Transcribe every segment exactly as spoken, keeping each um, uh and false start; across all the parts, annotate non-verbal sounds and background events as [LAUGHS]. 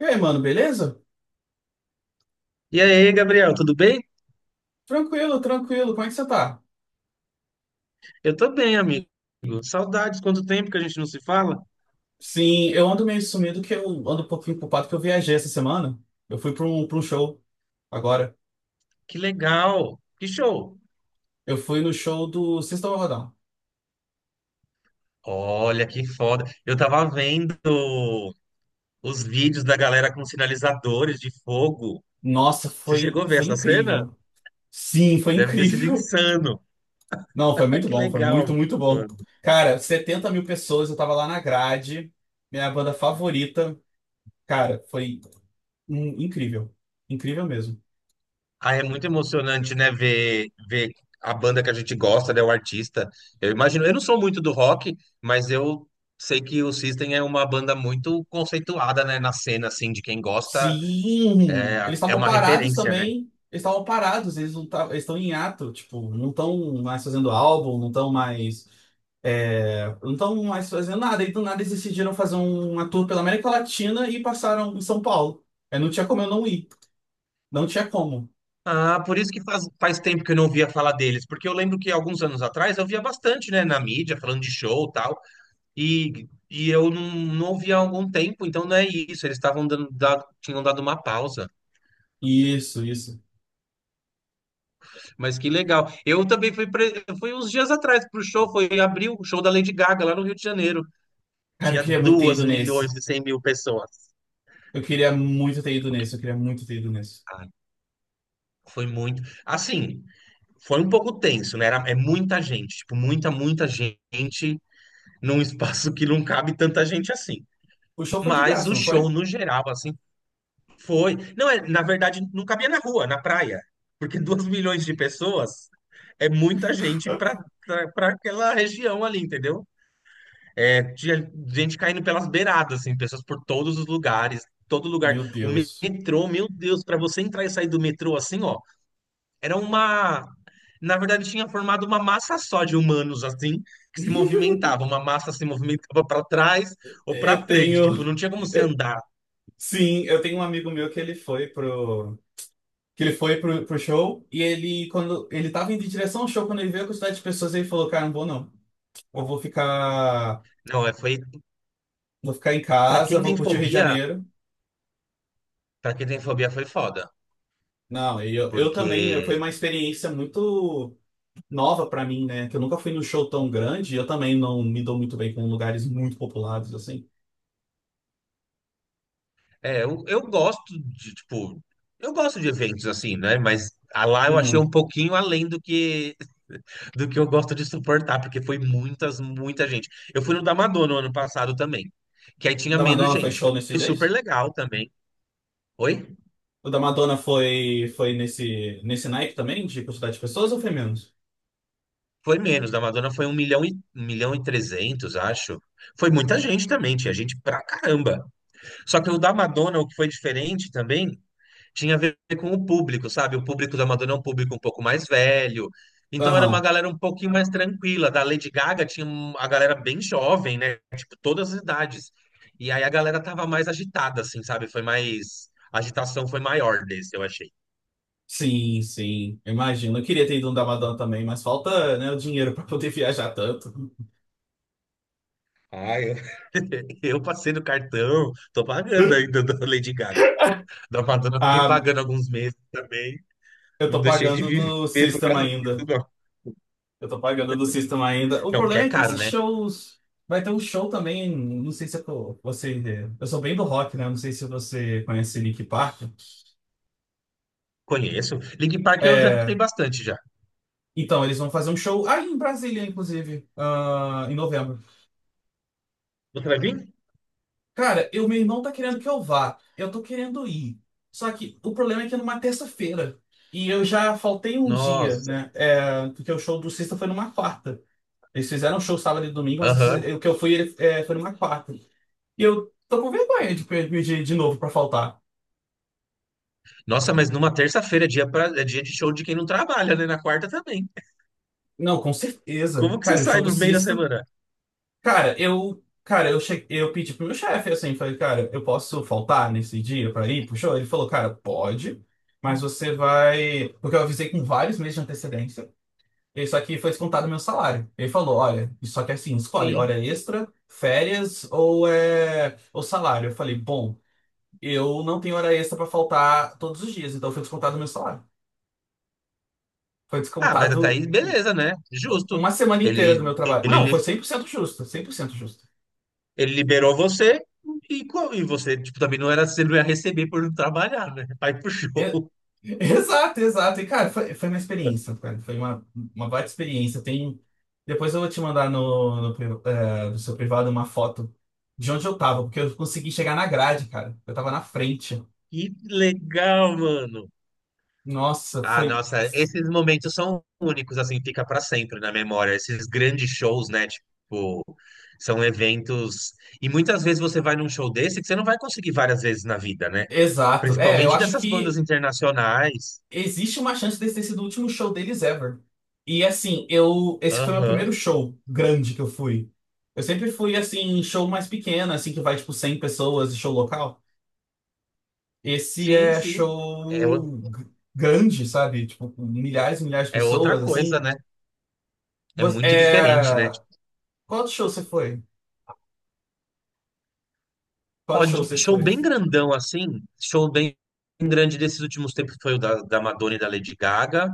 E aí, mano, beleza? E aí, Gabriel, tudo bem? Tranquilo, tranquilo. Como é que você tá? Eu tô bem, amigo. Saudades, quanto tempo que a gente não se fala? Sim, eu ando meio sumido que eu ando um pouquinho culpado que eu viajei essa semana. Eu fui pra um, pra um show agora. Que legal, que show. Eu fui no show do System of a Down. Olha que foda. Eu tava vendo os vídeos da galera com sinalizadores de fogo. Nossa, Você foi, chegou a ver foi essa cena? incrível. Sim, foi Deve ter sido incrível. insano. [LAUGHS] Não, foi [LAUGHS] muito Que bom, foi muito, legal. muito bom. Cara, setenta mil pessoas, eu tava lá na grade, minha banda favorita. Cara, foi hum, incrível. Incrível mesmo. Ah, é muito emocionante, né, ver, ver a banda que a gente gosta, né, o artista. Eu imagino, eu não sou muito do rock, mas eu sei que o System é uma banda muito conceituada, né, na cena, assim, de quem gosta, Sim, é, eles é estavam uma parados referência, né? também. Eles estavam parados, eles não tavam- eles estão em ato, tipo, não estão mais fazendo álbum, não estão mais, é, não estão mais fazendo nada. E do nada eles decidiram fazer um- uma tour pela América Latina e passaram em São Paulo. É, não tinha como eu não ir, não tinha como. Ah, por isso que faz, faz tempo que eu não ouvia falar deles, porque eu lembro que alguns anos atrás eu via bastante, né, na mídia, falando de show e tal, e, e eu não, não ouvia há algum tempo, então não é isso, eles estavam dando, da- tinham dado uma pausa. Isso, isso. Mas que legal. Eu também fui, pre- fui uns dias atrás pro show, foi em abril o show da Lady Gaga lá no Rio de Janeiro. Cara, eu Tinha queria muito ter duas ido milhões nesse. e cem mil pessoas. Eu queria muito ter ido nesse, eu queria muito ter ido nesse. Ai, foi muito. Assim, foi um pouco tenso, né? Era, é muita gente, tipo, muita, muita gente num espaço que não cabe tanta gente assim. O show foi de Mas graça, o não foi? show, no geral, assim, foi. Não, é, na verdade, não cabia na rua, na praia. Porque [LAUGHS] duas milhões de pessoas é muita gente para para aquela região ali, entendeu? É, tinha gente caindo pelas beiradas, assim, pessoas por todos os lugares, todo lugar. Meu O Deus. metrô, meu Deus, para você entrar e sair do metrô assim, ó, era uma. Na verdade, tinha formado uma massa só de humanos, assim, que se [LAUGHS] movimentava. Uma massa se movimentava para trás ou para Eu frente. Tipo, tenho. não tinha como você andar. Sim, eu tenho um amigo meu que ele foi pro que ele foi pro, pro show e ele quando ele tava indo em direção ao show quando ele viu a quantidade de pessoas ele falou, cara, não vou não. Eu vou ficar Não, é, foi. vou ficar em Para casa, quem vou tem curtir o Rio de fobia, Janeiro. para quem tem fobia foi foda. Não, e eu, eu também, eh, Porque foi uma experiência muito nova pra mim, né? Que eu nunca fui num show tão grande, e eu também não me dou muito bem com lugares muito populados assim. é, eu, eu gosto de, tipo, eu gosto de eventos assim, né? Mas a lá eu achei um Uhum. pouquinho além do que [LAUGHS] do que eu gosto de suportar, porque foi muitas, muita gente. Eu fui no da Madonna no ano passado também, que aí O tinha da menos Madonna foi gente. show Foi nesses super dias? legal também. Oi? O da Madonna foi foi nesse nesse naipe também de quantidade de pessoas ou foi menos? Foi menos. Da Madonna foi um milhão e, um milhão e trezentos, acho. Foi muita gente também, tinha gente pra caramba. Só que o da Madonna, o que foi diferente também, tinha a ver com o público, sabe? O público da Madonna é um público um pouco mais velho. Então era uma Aham. galera um pouquinho mais tranquila. Da Lady Gaga tinha um- a galera bem jovem, né? Tipo, todas as idades. E aí a galera tava mais agitada, assim, sabe? Foi mais. A agitação foi maior desse, eu achei. [LAUGHS] Sim, sim. Eu imagino. Eu queria ter ido no da Madonna também, mas falta, né, o dinheiro para poder [LAUGHS] viajar tanto. Ah, eu... Eu passei no cartão, tô pagando ainda da Lady Gaga. Da Madonna, eu fiquei Ah, pagando alguns meses também. eu Não tô deixei de pagando do viver por System causa disso, ainda. não. Eu tô pagando do System ainda. O Não, porque problema é é que caro, esses né? shows. Vai ter um show também. Não sei se eu tô- você. Eu sou bem do rock, né? Não sei se você conhece Linkin Park. Conheço. Linkin Park eu já escutei É, bastante já. então, eles vão fazer um show aí em Brasília, inclusive, ah, em novembro. Você vai vir? Cara, eu, meu irmão tá querendo que eu vá. Eu tô querendo ir. Só que o problema é que é numa terça-feira. E eu já faltei um dia, Nossa, né? É, porque o show do Sista foi numa quarta. Eles fizeram um show sábado e domingo, mas aham. esse- o que eu fui ele- é, foi numa quarta. E eu tô com vergonha de pedir de novo pra faltar. Nossa, mas numa terça-feira é dia, pra, é dia de show de quem não trabalha, né? Na quarta também. Não, com certeza. Como que você Cara, o sai show do no meio da Sista semana? Cara, eu, cara, eu cheguei, eu pedi pro meu chefe assim, falei, cara, eu posso faltar nesse dia pra ir pro show? Ele falou, cara, pode, mas você vai, porque eu avisei com vários meses de antecedência. Isso aqui foi descontado do meu salário. Ele falou, olha, isso aqui é assim, escolhe Sim. hora extra, férias ou é ou salário. Eu falei, bom, eu não tenho hora extra pra faltar todos os dias, então foi descontado do meu salário. Foi Ah, mas a descontado Thaís, beleza, né? Justo. uma semana inteira Ele, do meu trabalho. Não, ele, foi cem por cento justo, cem por cento justo. ele liberou você e, co- e você, tipo, também não era, você não ia receber por não trabalhar, né? Vai pro show. E- [LAUGHS] Exato, exato. E, cara, foi, foi uma experiência, [LAUGHS] cara. Foi uma, uma baita experiência. Tem... Depois eu vou te mandar no, no, pri- eh, no seu privado uma foto de onde eu tava, porque eu consegui chegar na grade, cara. Eu tava na frente. Que legal, mano. Nossa, Ah, foi. nossa, esses momentos são únicos, assim, fica para sempre na memória. Esses grandes shows, né? Tipo, são eventos. E muitas vezes você vai num show desse que você não vai conseguir várias vezes na vida, né? Exato. É, eu Principalmente acho dessas bandas que internacionais. existe uma chance desse ter sido o último show deles ever. E assim, eu. Esse foi o meu primeiro Aham. show grande que eu fui. Eu sempre fui, assim, em show mais pequeno, assim, que vai, tipo, cem pessoas, show local. Esse Sim, é sim. É, show o- g- grande, sabe? Tipo, com milhares e milhares de é outra pessoas, coisa, assim. né? É Você, muito diferente, é... né? Qual outro show você foi? Qual Ó, outro show de- vocês show foi? bem grandão, assim. Show bem grande desses últimos tempos foi o da, da Madonna e da Lady Gaga.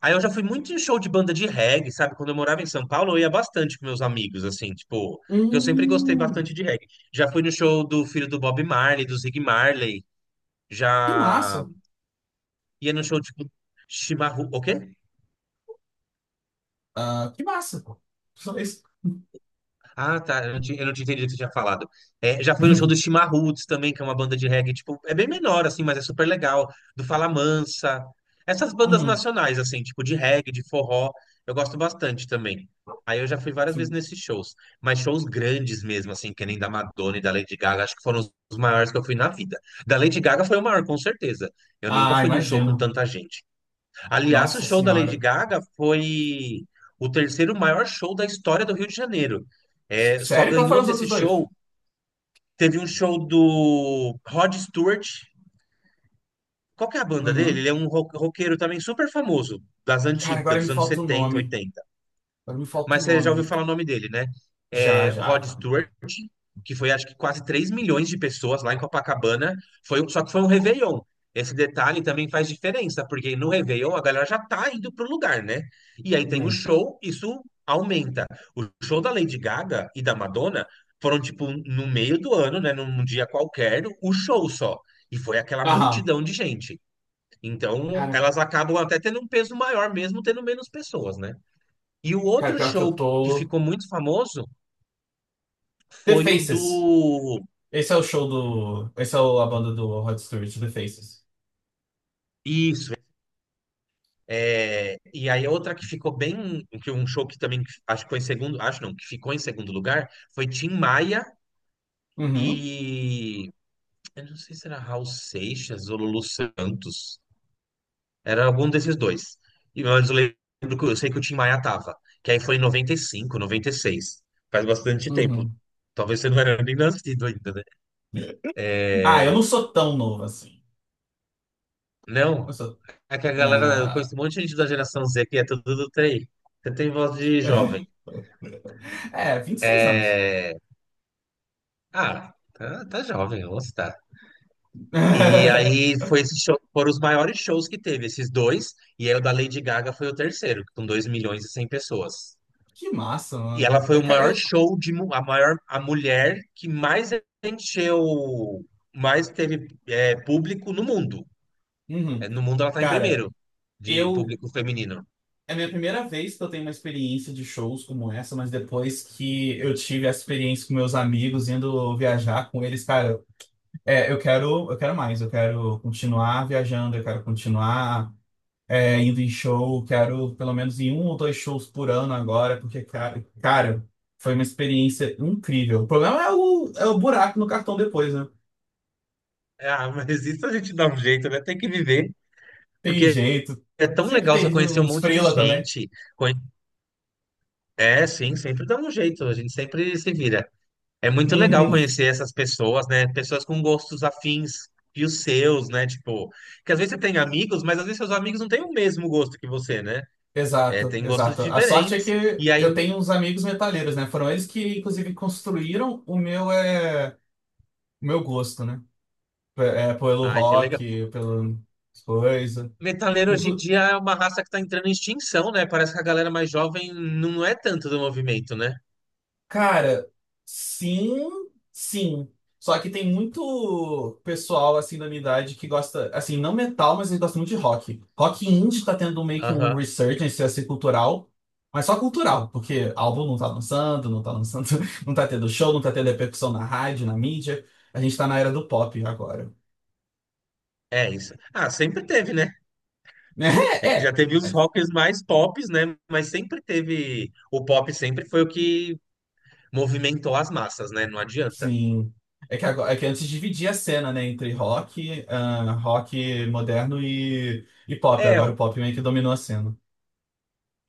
Aí eu já fui muito em show de banda de reggae, sabe? Quando eu morava em São Paulo, eu ia bastante com meus amigos, assim, tipo, que eu sempre gostei Hum, bastante de reggae. Já fui no show do filho do Bob Marley, do Zig Marley, que já massa. ia no show, tipo, Chimarrão. O quê? Ah, que massa, pô. Só isso. Ah, tá. Eu não tinha, eu não tinha entendido o que você tinha falado. É, já fui no show do [LAUGHS] Chimarruts também, que é uma banda de reggae, tipo, é bem menor, assim, mas é super legal. Do Fala Mansa. Essas bandas Uhum. nacionais, assim, tipo, de reggae, de forró, eu gosto bastante também. Aí eu já fui várias vezes Sim. nesses shows. Mas shows grandes mesmo, assim, que nem da Madonna e da Lady Gaga, acho que foram os os maiores que eu fui na vida. Da Lady Gaga foi o maior, com certeza. Eu nunca Ah, fui num show com imagino. tanta gente. Aliás, o Nossa show da Lady senhora. Gaga foi o terceiro maior show da história do Rio de Janeiro. S- É, só Sério? Qual foram ganhou os desse outros dois? show. Teve um show do Rod Stewart. Qual que é a banda dele? Uhum. Ele é um ro- roqueiro também super famoso, das Cara, antigas, agora dos me anos falta o setenta, nome. oitenta. Agora me falta o Mas você já nome. ouviu falar o nome dele, né? Já, É, já, Rod já. Stewart, que foi acho que quase três milhões de pessoas lá em Copacabana, foi, um- só que foi um Réveillon. Esse detalhe também faz diferença, porque no Réveillon a galera já tá indo pro lugar, né? E aí tem o Uhum. show, isso aumenta. O show da Lady Gaga e da Madonna foram, tipo, no meio do ano, né? Num dia qualquer, o show só. E foi aquela Aham. multidão de gente. Então, Cara, elas acabam até tendo um peso maior, mesmo tendo menos pessoas, né? E o cara, outro pior que eu show que que tô... ficou muito famoso The foi o Faces. do. Esse é o show do. Esse é o- a banda do Rod Stewart, The Faces. Isso. É, e aí outra que ficou bem. Que um show que também acho que foi em segundo. Acho não, que ficou em segundo lugar foi Tim Maia Uhum, e. Eu não sei se era Raul Seixas ou Lulu Santos. Era algum desses dois. E mas eu lembro que eu sei que o Tim Maia tava. Que aí foi em noventa e cinco, noventa e seis. Faz bastante tempo. uhum. Talvez você não era nem nascido ainda, né? Ah, eu não sou tão novo assim. Eu Não. sou. É que a galera, eu conheço Na... um monte de gente da geração Z que é tudo do T I. Você tem voz de jovem. [LAUGHS] É, vinte e seis anos. É... Ah, tá, tá jovem, vamos citar. E aí [LAUGHS] foi esse show, foram os maiores shows que teve, esses dois. E aí o da Lady Gaga foi o terceiro, com dois milhões e cem pessoas. Que massa, E ela mano. foi o Eu, ca- maior eu- show de mu- a maior a mulher que mais encheu, mais teve é, público no mundo. Uhum. É, no mundo ela tá em cara, primeiro de eu. público feminino. É a minha primeira vez que eu tenho uma experiência de shows como essa, mas depois que eu tive essa experiência com meus amigos, indo viajar com eles, cara, é, eu quero, eu quero mais, eu quero continuar viajando, eu quero continuar. É, indo em um show, quero pelo menos em um ou dois shows por ano agora, porque, cara, cara, foi uma experiência incrível. O problema é o, é o buraco no cartão depois, né? É, ah, mas isso a gente dá um jeito, né? Tem que viver. Tem Porque jeito. é tão Sempre legal você tem conhecer um uns monte de freela também. gente. Conhe- É, sim, sempre dá um jeito, a gente sempre se vira. É muito legal Uhum. conhecer essas pessoas, né? Pessoas com gostos afins e os seus, né? Tipo, que às vezes você tem amigos, mas às vezes seus amigos não têm o mesmo gosto que você, né? É, Exato, tem gostos exato. A sorte é diferentes. que E aí, eu tenho uns amigos metaleiros, né? Foram eles que, inclusive, construíram o meu, é, o meu gosto, né? P- É, pelo ai, que legal. rock, pelo coisa. Metaleiro hoje em dia é uma raça que tá entrando em extinção, né? Parece que a galera mais jovem não é tanto do movimento, né? Cara, sim, sim. Só que tem muito pessoal assim da minha idade que gosta, assim, não metal, mas eles gostam muito de rock. Rock indie tá tendo meio que um Aham. resurgence assim cultural, mas só cultural, porque álbum não tá lançando, não tá lançando, [LAUGHS] não tá tendo show, não tá tendo repercussão na rádio, na mídia. A gente tá na era do pop agora. É isso. Ah, sempre teve, né? [LAUGHS] É que já É, teve os é. rockers mais tops, né? Mas sempre teve. O pop sempre foi o que movimentou as massas, né? Não adianta. Sim. É que, agora, é que antes dividia a cena, né, entre rock, ah, rock moderno e, e pop. É, Agora o pop meio que dominou a cena.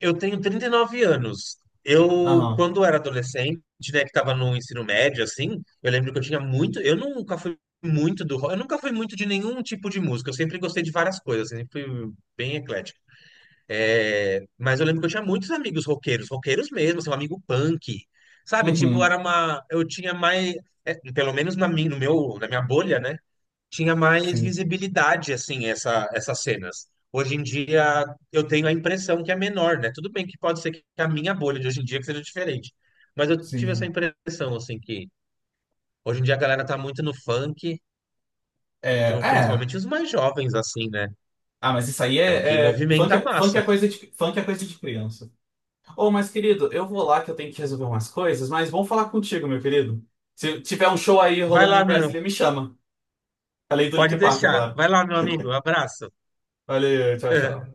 eu tenho trinta e nove anos. Eu, Aham. quando era adolescente, né, que tava no ensino médio, assim, eu lembro que eu tinha muito. Eu nunca fui muito do rock, eu nunca fui muito de nenhum tipo de música. Eu sempre gostei de várias coisas, sempre fui bem eclético. É, mas eu lembro que eu tinha muitos amigos roqueiros, roqueiros mesmo, seu amigo punk, sabe? Tipo, Uhum. era uma. Eu tinha mais. É, pelo menos na minha, no meu, na minha bolha, né? Tinha mais Sim, visibilidade, assim, essa, essas cenas. Hoje em dia, eu tenho a impressão que é menor, né? Tudo bem que pode ser que a minha bolha de hoje em dia que seja diferente. Mas eu tive essa sim. impressão, assim, que hoje em dia a galera tá muito no funk, É, tipo, é. principalmente os mais jovens, assim, né? Ah, mas isso aí É o que é, é- movimenta funk, a é. Funk massa. é coisa de, funk é coisa de criança. Ô, mas querido, eu vou lá que eu tenho que resolver umas coisas, mas vamos falar contigo, meu querido. Se tiver um show aí Vai rolando em lá, Brasília, meu. me chama. Além do Pode Linkin Park, é deixar. claro. Vai lá, meu amigo. Abraço. Valeu, tchau, tchau. [LAUGHS]